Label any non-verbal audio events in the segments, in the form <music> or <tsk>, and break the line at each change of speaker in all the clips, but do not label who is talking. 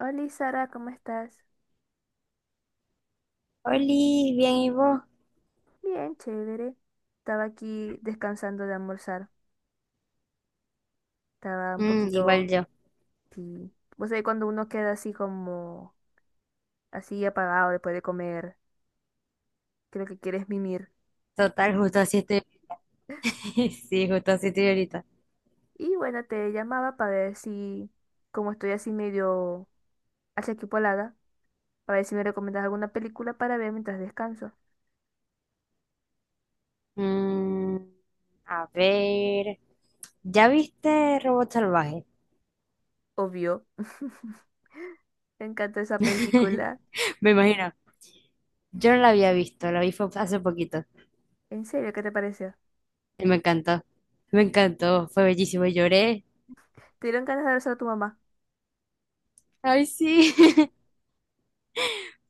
Hola Sara, ¿cómo estás?
Oli, bien, ¿y vos?
Bien, chévere. Estaba aquí descansando de almorzar. Estaba un
Mm, igual
poquito,
yo.
sí. Vos sabés cuando uno queda así como, así apagado después de comer, creo que quieres mimir.
Total, justo así estoy ahorita. <laughs> Sí, justo así estoy ahorita.
Y bueno, te llamaba para ver si, como estoy así medio achaquipolada, para ver si me recomiendas alguna película para ver mientras descanso.
Mm, a ver. ¿Ya viste Robot Salvaje?
Obvio. <laughs> Me encanta esa
<laughs>
película.
Me imagino. Yo no la había visto, la vi fue hace poquito.
¿En serio? ¿Qué te pareció?
Y me encantó. Me encantó, fue bellísimo. Lloré.
¿Te dieron ganas de abrazar a tu mamá?
Ay, sí. <laughs>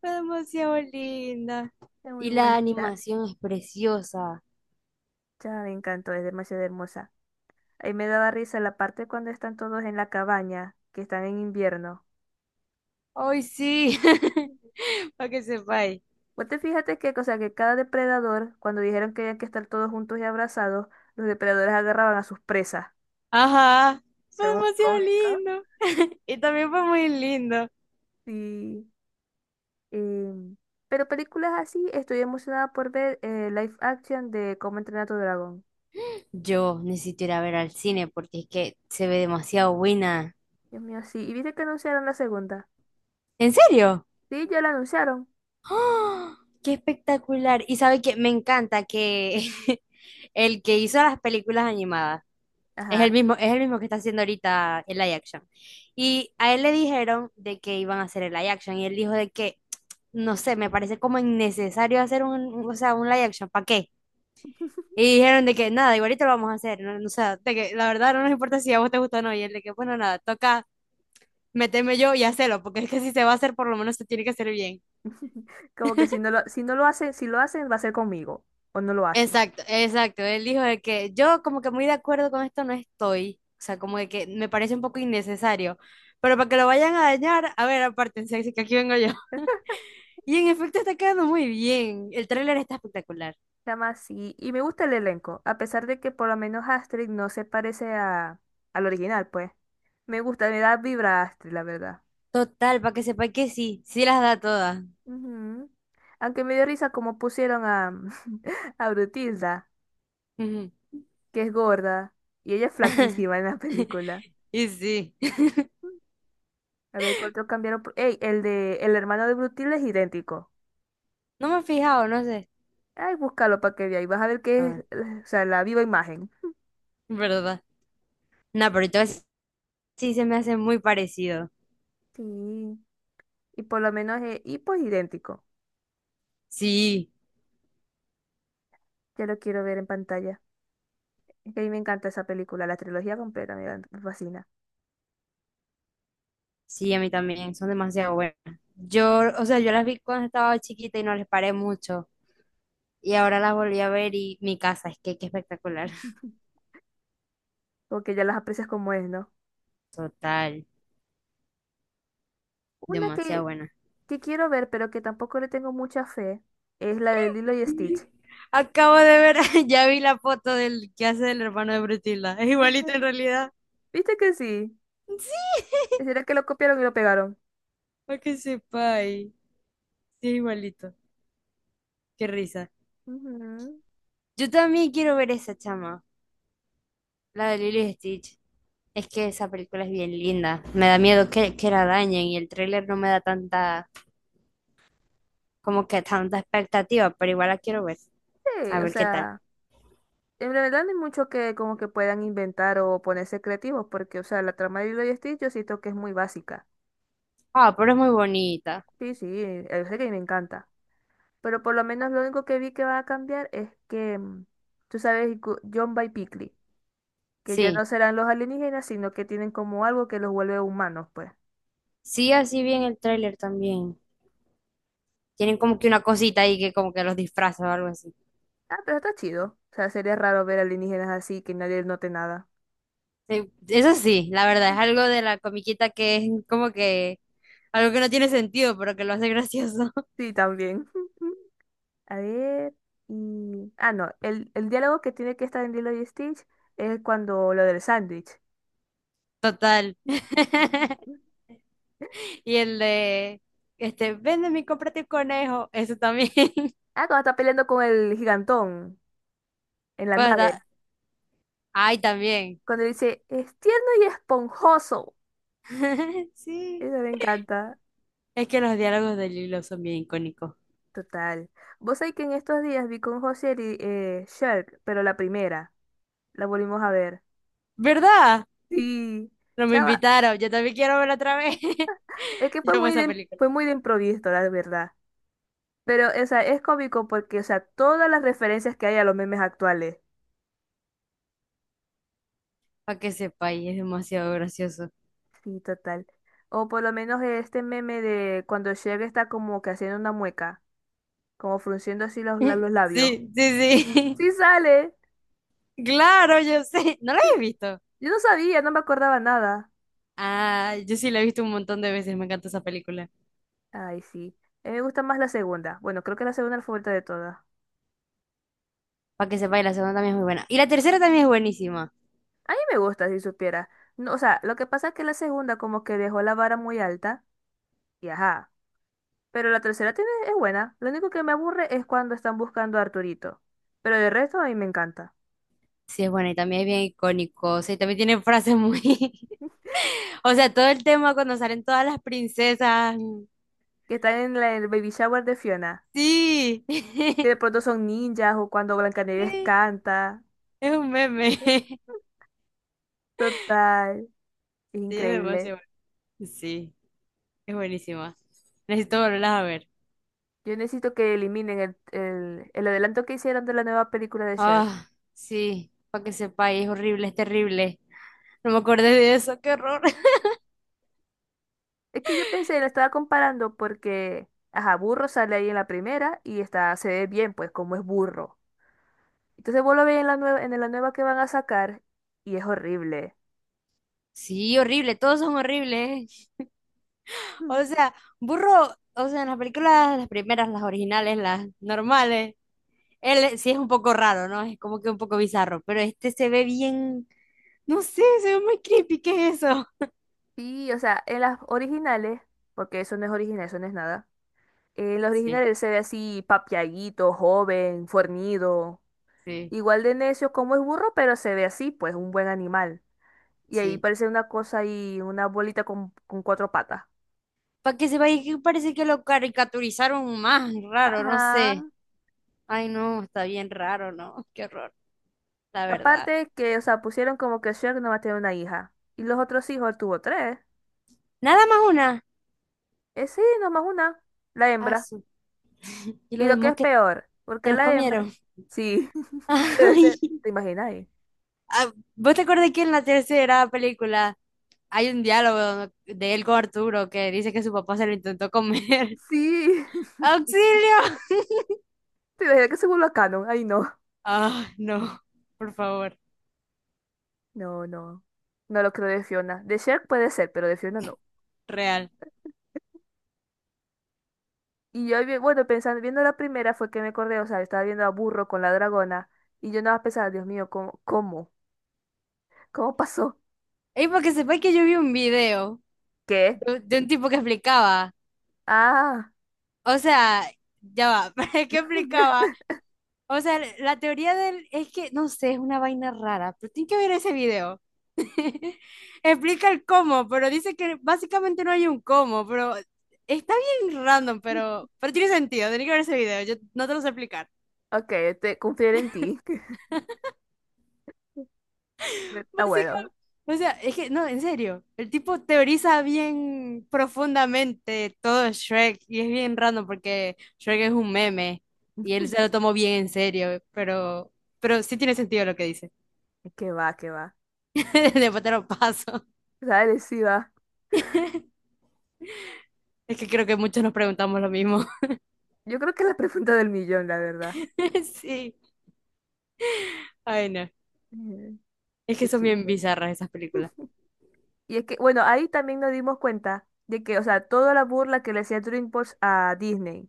Fue demasiado linda.
Es muy
Y la
bonita.
animación es preciosa.
Ya me encantó, es demasiado hermosa. Ahí me daba risa la parte cuando están todos en la cabaña, que están en invierno.
Ay, sí. <laughs> Para que sepáis.
Vos te fíjate que, o sea, que cada depredador, cuando dijeron que había que estar todos juntos y abrazados, los depredadores agarraban a sus presas.
Ajá, fue
Fue muy
demasiado
cómico.
lindo. Y también fue muy lindo.
Sí. em, pero películas así, estoy emocionada por ver live action de Cómo entrenar a tu dragón.
Yo necesito ir a ver al cine porque es que se ve demasiado buena.
Dios mío, sí. ¿Y viste que anunciaron la segunda?
¿En serio? <gasps>
Sí, ya la anunciaron.
¡Ah! ¡Qué espectacular! Y sabe que me encanta que <laughs> el que hizo las películas animadas
Ajá.
es el mismo que está haciendo ahorita el live action. Y a él le dijeron de que iban a hacer el live action y él dijo de que, <tsk> no sé, me parece como innecesario hacer o sea, un live action. ¿Para qué? Y dijeron de que nada, igualito lo vamos a hacer. No, no, o sea, de que la verdad no nos importa si a vos te gusta o no. Y él de que, bueno, nada, toca meterme yo y hacerlo, porque es que si se va a hacer, por lo menos se tiene que hacer bien.
Como que si no lo hacen, si lo hacen, va a ser conmigo. O no lo hacen.
Exacto, exacto. Él dijo de que yo como que muy de acuerdo con esto no estoy. O sea, como de que me parece un poco innecesario. Pero para que lo vayan a dañar, a ver, apártense, así que aquí vengo yo. <laughs> Y en efecto está quedando muy bien. El tráiler está espectacular.
Se llama así. Y me gusta el elenco, a pesar de que por lo menos Astrid no se parece a, al original, pues. Me gusta, me da vibra a Astrid, la verdad.
Total, para que sepa que sí, sí las da todas.
Ujú. Aunque me dio risa como <laughs> a Brutilda,
Ujú.
que es gorda, y ella es flaquísima en
<laughs>
la película.
Y sí. <laughs>
A ver, ¿cuánto cambiaron? Ey, el de el hermano de Brutilda es idéntico.
No me he fijado, no sé.
Ay, búscalo para que veas. Y vas a ver
A
que es,
ver,
o sea, la viva imagen.
¿verdad? No, pero entonces sí se me hace muy parecido.
Sí. Y por lo menos es, y pues idéntico.
Sí,
Ya lo quiero ver en pantalla. Que a mí me encanta esa película, la trilogía completa, me fascina.
sí, a mí también, son demasiado buenas. Yo, o sea, yo las vi cuando estaba chiquita y no les paré mucho. Y ahora las volví a ver y mi casa, es que qué espectacular. <laughs>
Porque ya las aprecias como es, ¿no?
Total,
Una
demasiado
que,
buena.
que quiero ver, pero que tampoco le tengo mucha fe, es la de Lilo y Stitch.
Acabo de ver, <laughs> ya vi la foto del que hace del hermano de Brutila. Es igualito en
Ujú.
realidad.
¿Viste que sí?
Sí.
¿Será que lo copiaron y lo pegaron?
Para que sepa, sí, es igualito. Qué risa.
Ujú.
Yo también quiero ver esa chama, la de Lilo y Stitch. Es que esa película es bien linda. Me da miedo que la dañen y el tráiler no me da tanta, como que tanta expectativa, pero igual la quiero ver.
Sí,
A
o
ver qué tal.
sea, en realidad no hay mucho que como que puedan inventar o ponerse creativos, porque, o sea, la trama de Lilo y Stitch yo siento que es muy básica.
Ah, pero es muy bonita.
Sí, sí, yo sé que me encanta. Pero por lo menos lo único que vi que va a cambiar es que, tú sabes, John by Pickley. Que ya
Sí,
no serán los alienígenas, sino que tienen como algo que los vuelve humanos, pues.
sí, así bien el tráiler también. Tienen como que una cosita ahí que como que los disfraza o algo así.
Ah, pero está chido. O sea, sería raro ver alienígenas así, que nadie note nada.
Sí, eso sí, la verdad, es algo de la comiquita que es como que algo que no tiene sentido, pero que lo hace gracioso. <laughs>
Sí, también. <laughs> A ver, y... Ah, no, el diálogo que tiene que estar en Lilo y Stitch es cuando lo del sándwich.
Total. <laughs> Y el de, este, véndeme y cómprate un conejo. Eso también. <laughs>
Ah, cuando está peleando con el gigantón en la
Cuando
nave.
está- Ay, también.
Cuando dice, es tierno y esponjoso.
<laughs> Sí.
Eso me encanta.
Es que los diálogos de Lilo son bien icónicos.
Total. Vos sabés que en estos días vi con José y Shrek, pero la primera. La volvimos a ver.
¿Verdad?
Sí,
No me
chava,
invitaron. Yo también quiero verla otra vez. <laughs>
es que
Yo amo esa película.
fue muy de improviso, la verdad. Pero, o sea, es cómico porque, o sea, todas las referencias que hay a los memes actuales.
Para que sepa, y es demasiado gracioso.
Sí, total. O por lo menos este meme de cuando Shaq está como que haciendo una mueca, como frunciendo así
<laughs>
los labios.
Sí, sí, sí.
Sí sale.
<laughs> Claro, yo sé. ¿No la
Yo,
he visto?
yo no sabía, no me acordaba nada.
Ah, yo sí la he visto un montón de veces. Me encanta esa película.
Ay, sí. A mí me gusta más la segunda. Bueno, creo que la segunda es la favorita de todas.
Para que sepa, y la segunda también es muy buena. Y la tercera también es buenísima.
A mí me gusta, si supiera. No, o sea, lo que pasa es que la segunda como que dejó la vara muy alta. Y ajá. Pero la tercera tiene, es buena. Lo único que me aburre es cuando están buscando a Arturito. Pero de resto a mí me encanta.
Sí, es buena y también es bien icónico. O sea, y también tiene frases muy... <laughs> O sea, todo el tema cuando salen todas las princesas.
Que están en el baby shower de Fiona.
Sí,
Que
<laughs>
de pronto son ninjas o cuando Blancanieves
sí,
canta.
es un meme. <laughs>
<laughs> Total.
Sí, es
Increíble.
demasiado bueno. Sí, es buenísima. Necesito volverlas a ver.
Yo necesito que eliminen el adelanto que hicieron de la nueva película de Shrek.
Ah, sí, para que sepáis, es horrible, es terrible. No me acordé de eso, qué horror. <laughs>
Es que yo pensé, la estaba comparando porque, ajá, Burro sale ahí en la primera y está, se ve bien, pues, como es burro. Entonces vos lo ves en en la nueva que van a sacar y es horrible.
Sí, horrible, todos son horribles.
Mm.
O sea, burro, o sea, en las películas, las primeras, las originales, las normales, él sí es un poco raro, ¿no? Es como que un poco bizarro, pero este se ve bien, no sé, se ve muy creepy, ¿qué es eso?
Sí, o sea, en las originales, porque eso no es original, eso no es nada. En las
Sí,
originales se ve así papiaguito, joven, fornido,
sí,
igual de necio como es burro, pero se ve así, pues un buen animal. Y ahí
sí.
parece una cosa ahí, una bolita con cuatro patas.
Para que se vaya, que parece que lo caricaturizaron más, raro, no
Ajá.
sé. Ay, no, está bien raro, ¿no? <laughs> Qué horror, la verdad.
Aparte que, o sea, pusieron como que Shrek nomás tiene una hija. Y los otros hijos, él tuvo tres.
Nada más una.
Sí, nomás una, la
Ah,
hembra.
su- Y
Y
los
lo que
demás
es
que
peor,
se
porque
los
la hembra,
comieron.
sí,
<laughs>
<laughs> debe
Ay.
ser, ¿te imaginas ahí?
Ah, ¿vos te acordás que en la tercera película hay un diálogo de él con Arturo que dice que su papá se lo intentó comer? <laughs>
Sí, <laughs>
¡Auxilio!
te imaginas que se vuelva canon, ay no,
Ah, no, por favor,
no, no, no lo creo de Fiona, de Shrek puede ser, pero de Fiona no.
real.
Y yo, bueno, pensando, viendo la primera fue que me acordé, o sea, estaba viendo a Burro con la dragona, y yo nada más pensaba, Dios mío, ¿cómo pasó?
Y para que sepáis que yo vi un video
¿Qué?
de un tipo que explicaba.
Ah,
O sea, ya va, <laughs> pero es explicaba.
<laughs>
O sea, la teoría del es que, no sé, es una vaina rara, pero tiene que ver ese video. <laughs> Explica el cómo, pero dice que básicamente no hay un cómo, pero está bien random, pero tiene sentido, tiene que ver ese video, yo no te lo sé explicar.
ok, te confiaré en ti, <laughs> está bueno.
Básicamente, o sea, es que, no, en serio, el tipo teoriza bien profundamente todo Shrek y es bien raro porque Shrek es un meme y él se lo
<laughs>
tomó bien en serio, pero sí tiene sentido lo que dice.
¿Qué va, qué va?
<laughs> Después te lo paso.
Dale, sí va.
Es que creo que muchos nos preguntamos lo mismo.
Yo creo que es la pregunta del millón, la verdad.
<laughs> Sí, ay no,
<laughs>
es que
Qué
son bien
chiste.
bizarras esas películas.
Y es que, bueno, ahí también nos dimos cuenta de que, o sea, toda la burla que le hacía DreamWorks a Disney.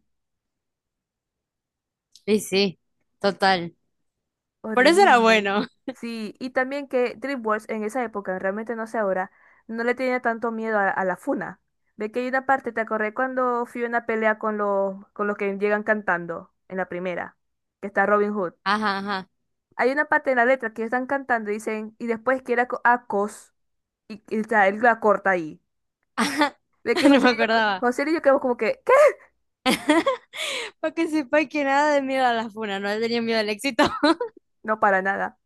Sí, sí, total. Por eso era
Horrible.
bueno.
Sí, y también que DreamWorks en esa época, realmente no sé ahora, no le tenía tanto miedo a la funa. Ve que hay una parte, ¿te acordé cuando Fiona pelea con con los que llegan cantando en la primera? Que está Robin Hood.
Ajá, ajá.
Hay una parte en la letra que están cantando y dicen, y después que era acos, o sea, él la corta ahí.
Ajá.
Ve que
<laughs> No
José
me
Lillo,
acordaba.
José Lillo quedó como que, ¿qué?
Para que sepa que nada de miedo a la funa, no le tenía miedo al éxito.
No para nada.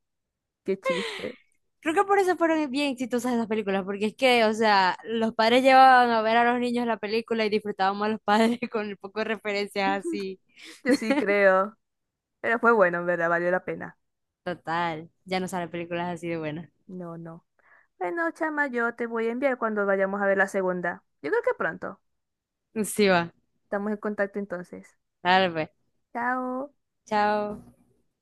Qué chiste.
Creo que por eso fueron bien exitosas esas películas, porque es que, o sea, los padres llevaban a ver a los niños la película y disfrutábamos a los padres <laughs> con el poco de referencias
<laughs>
así.
Yo sí creo. Pero fue bueno, en verdad, valió la pena.
Total, ya no salen películas así de buenas.
No, no. Bueno, chama, yo te voy a enviar cuando vayamos a ver la segunda. Yo creo que pronto.
Sí va,
Estamos en contacto entonces.
dale pues.
Chao.
Chao.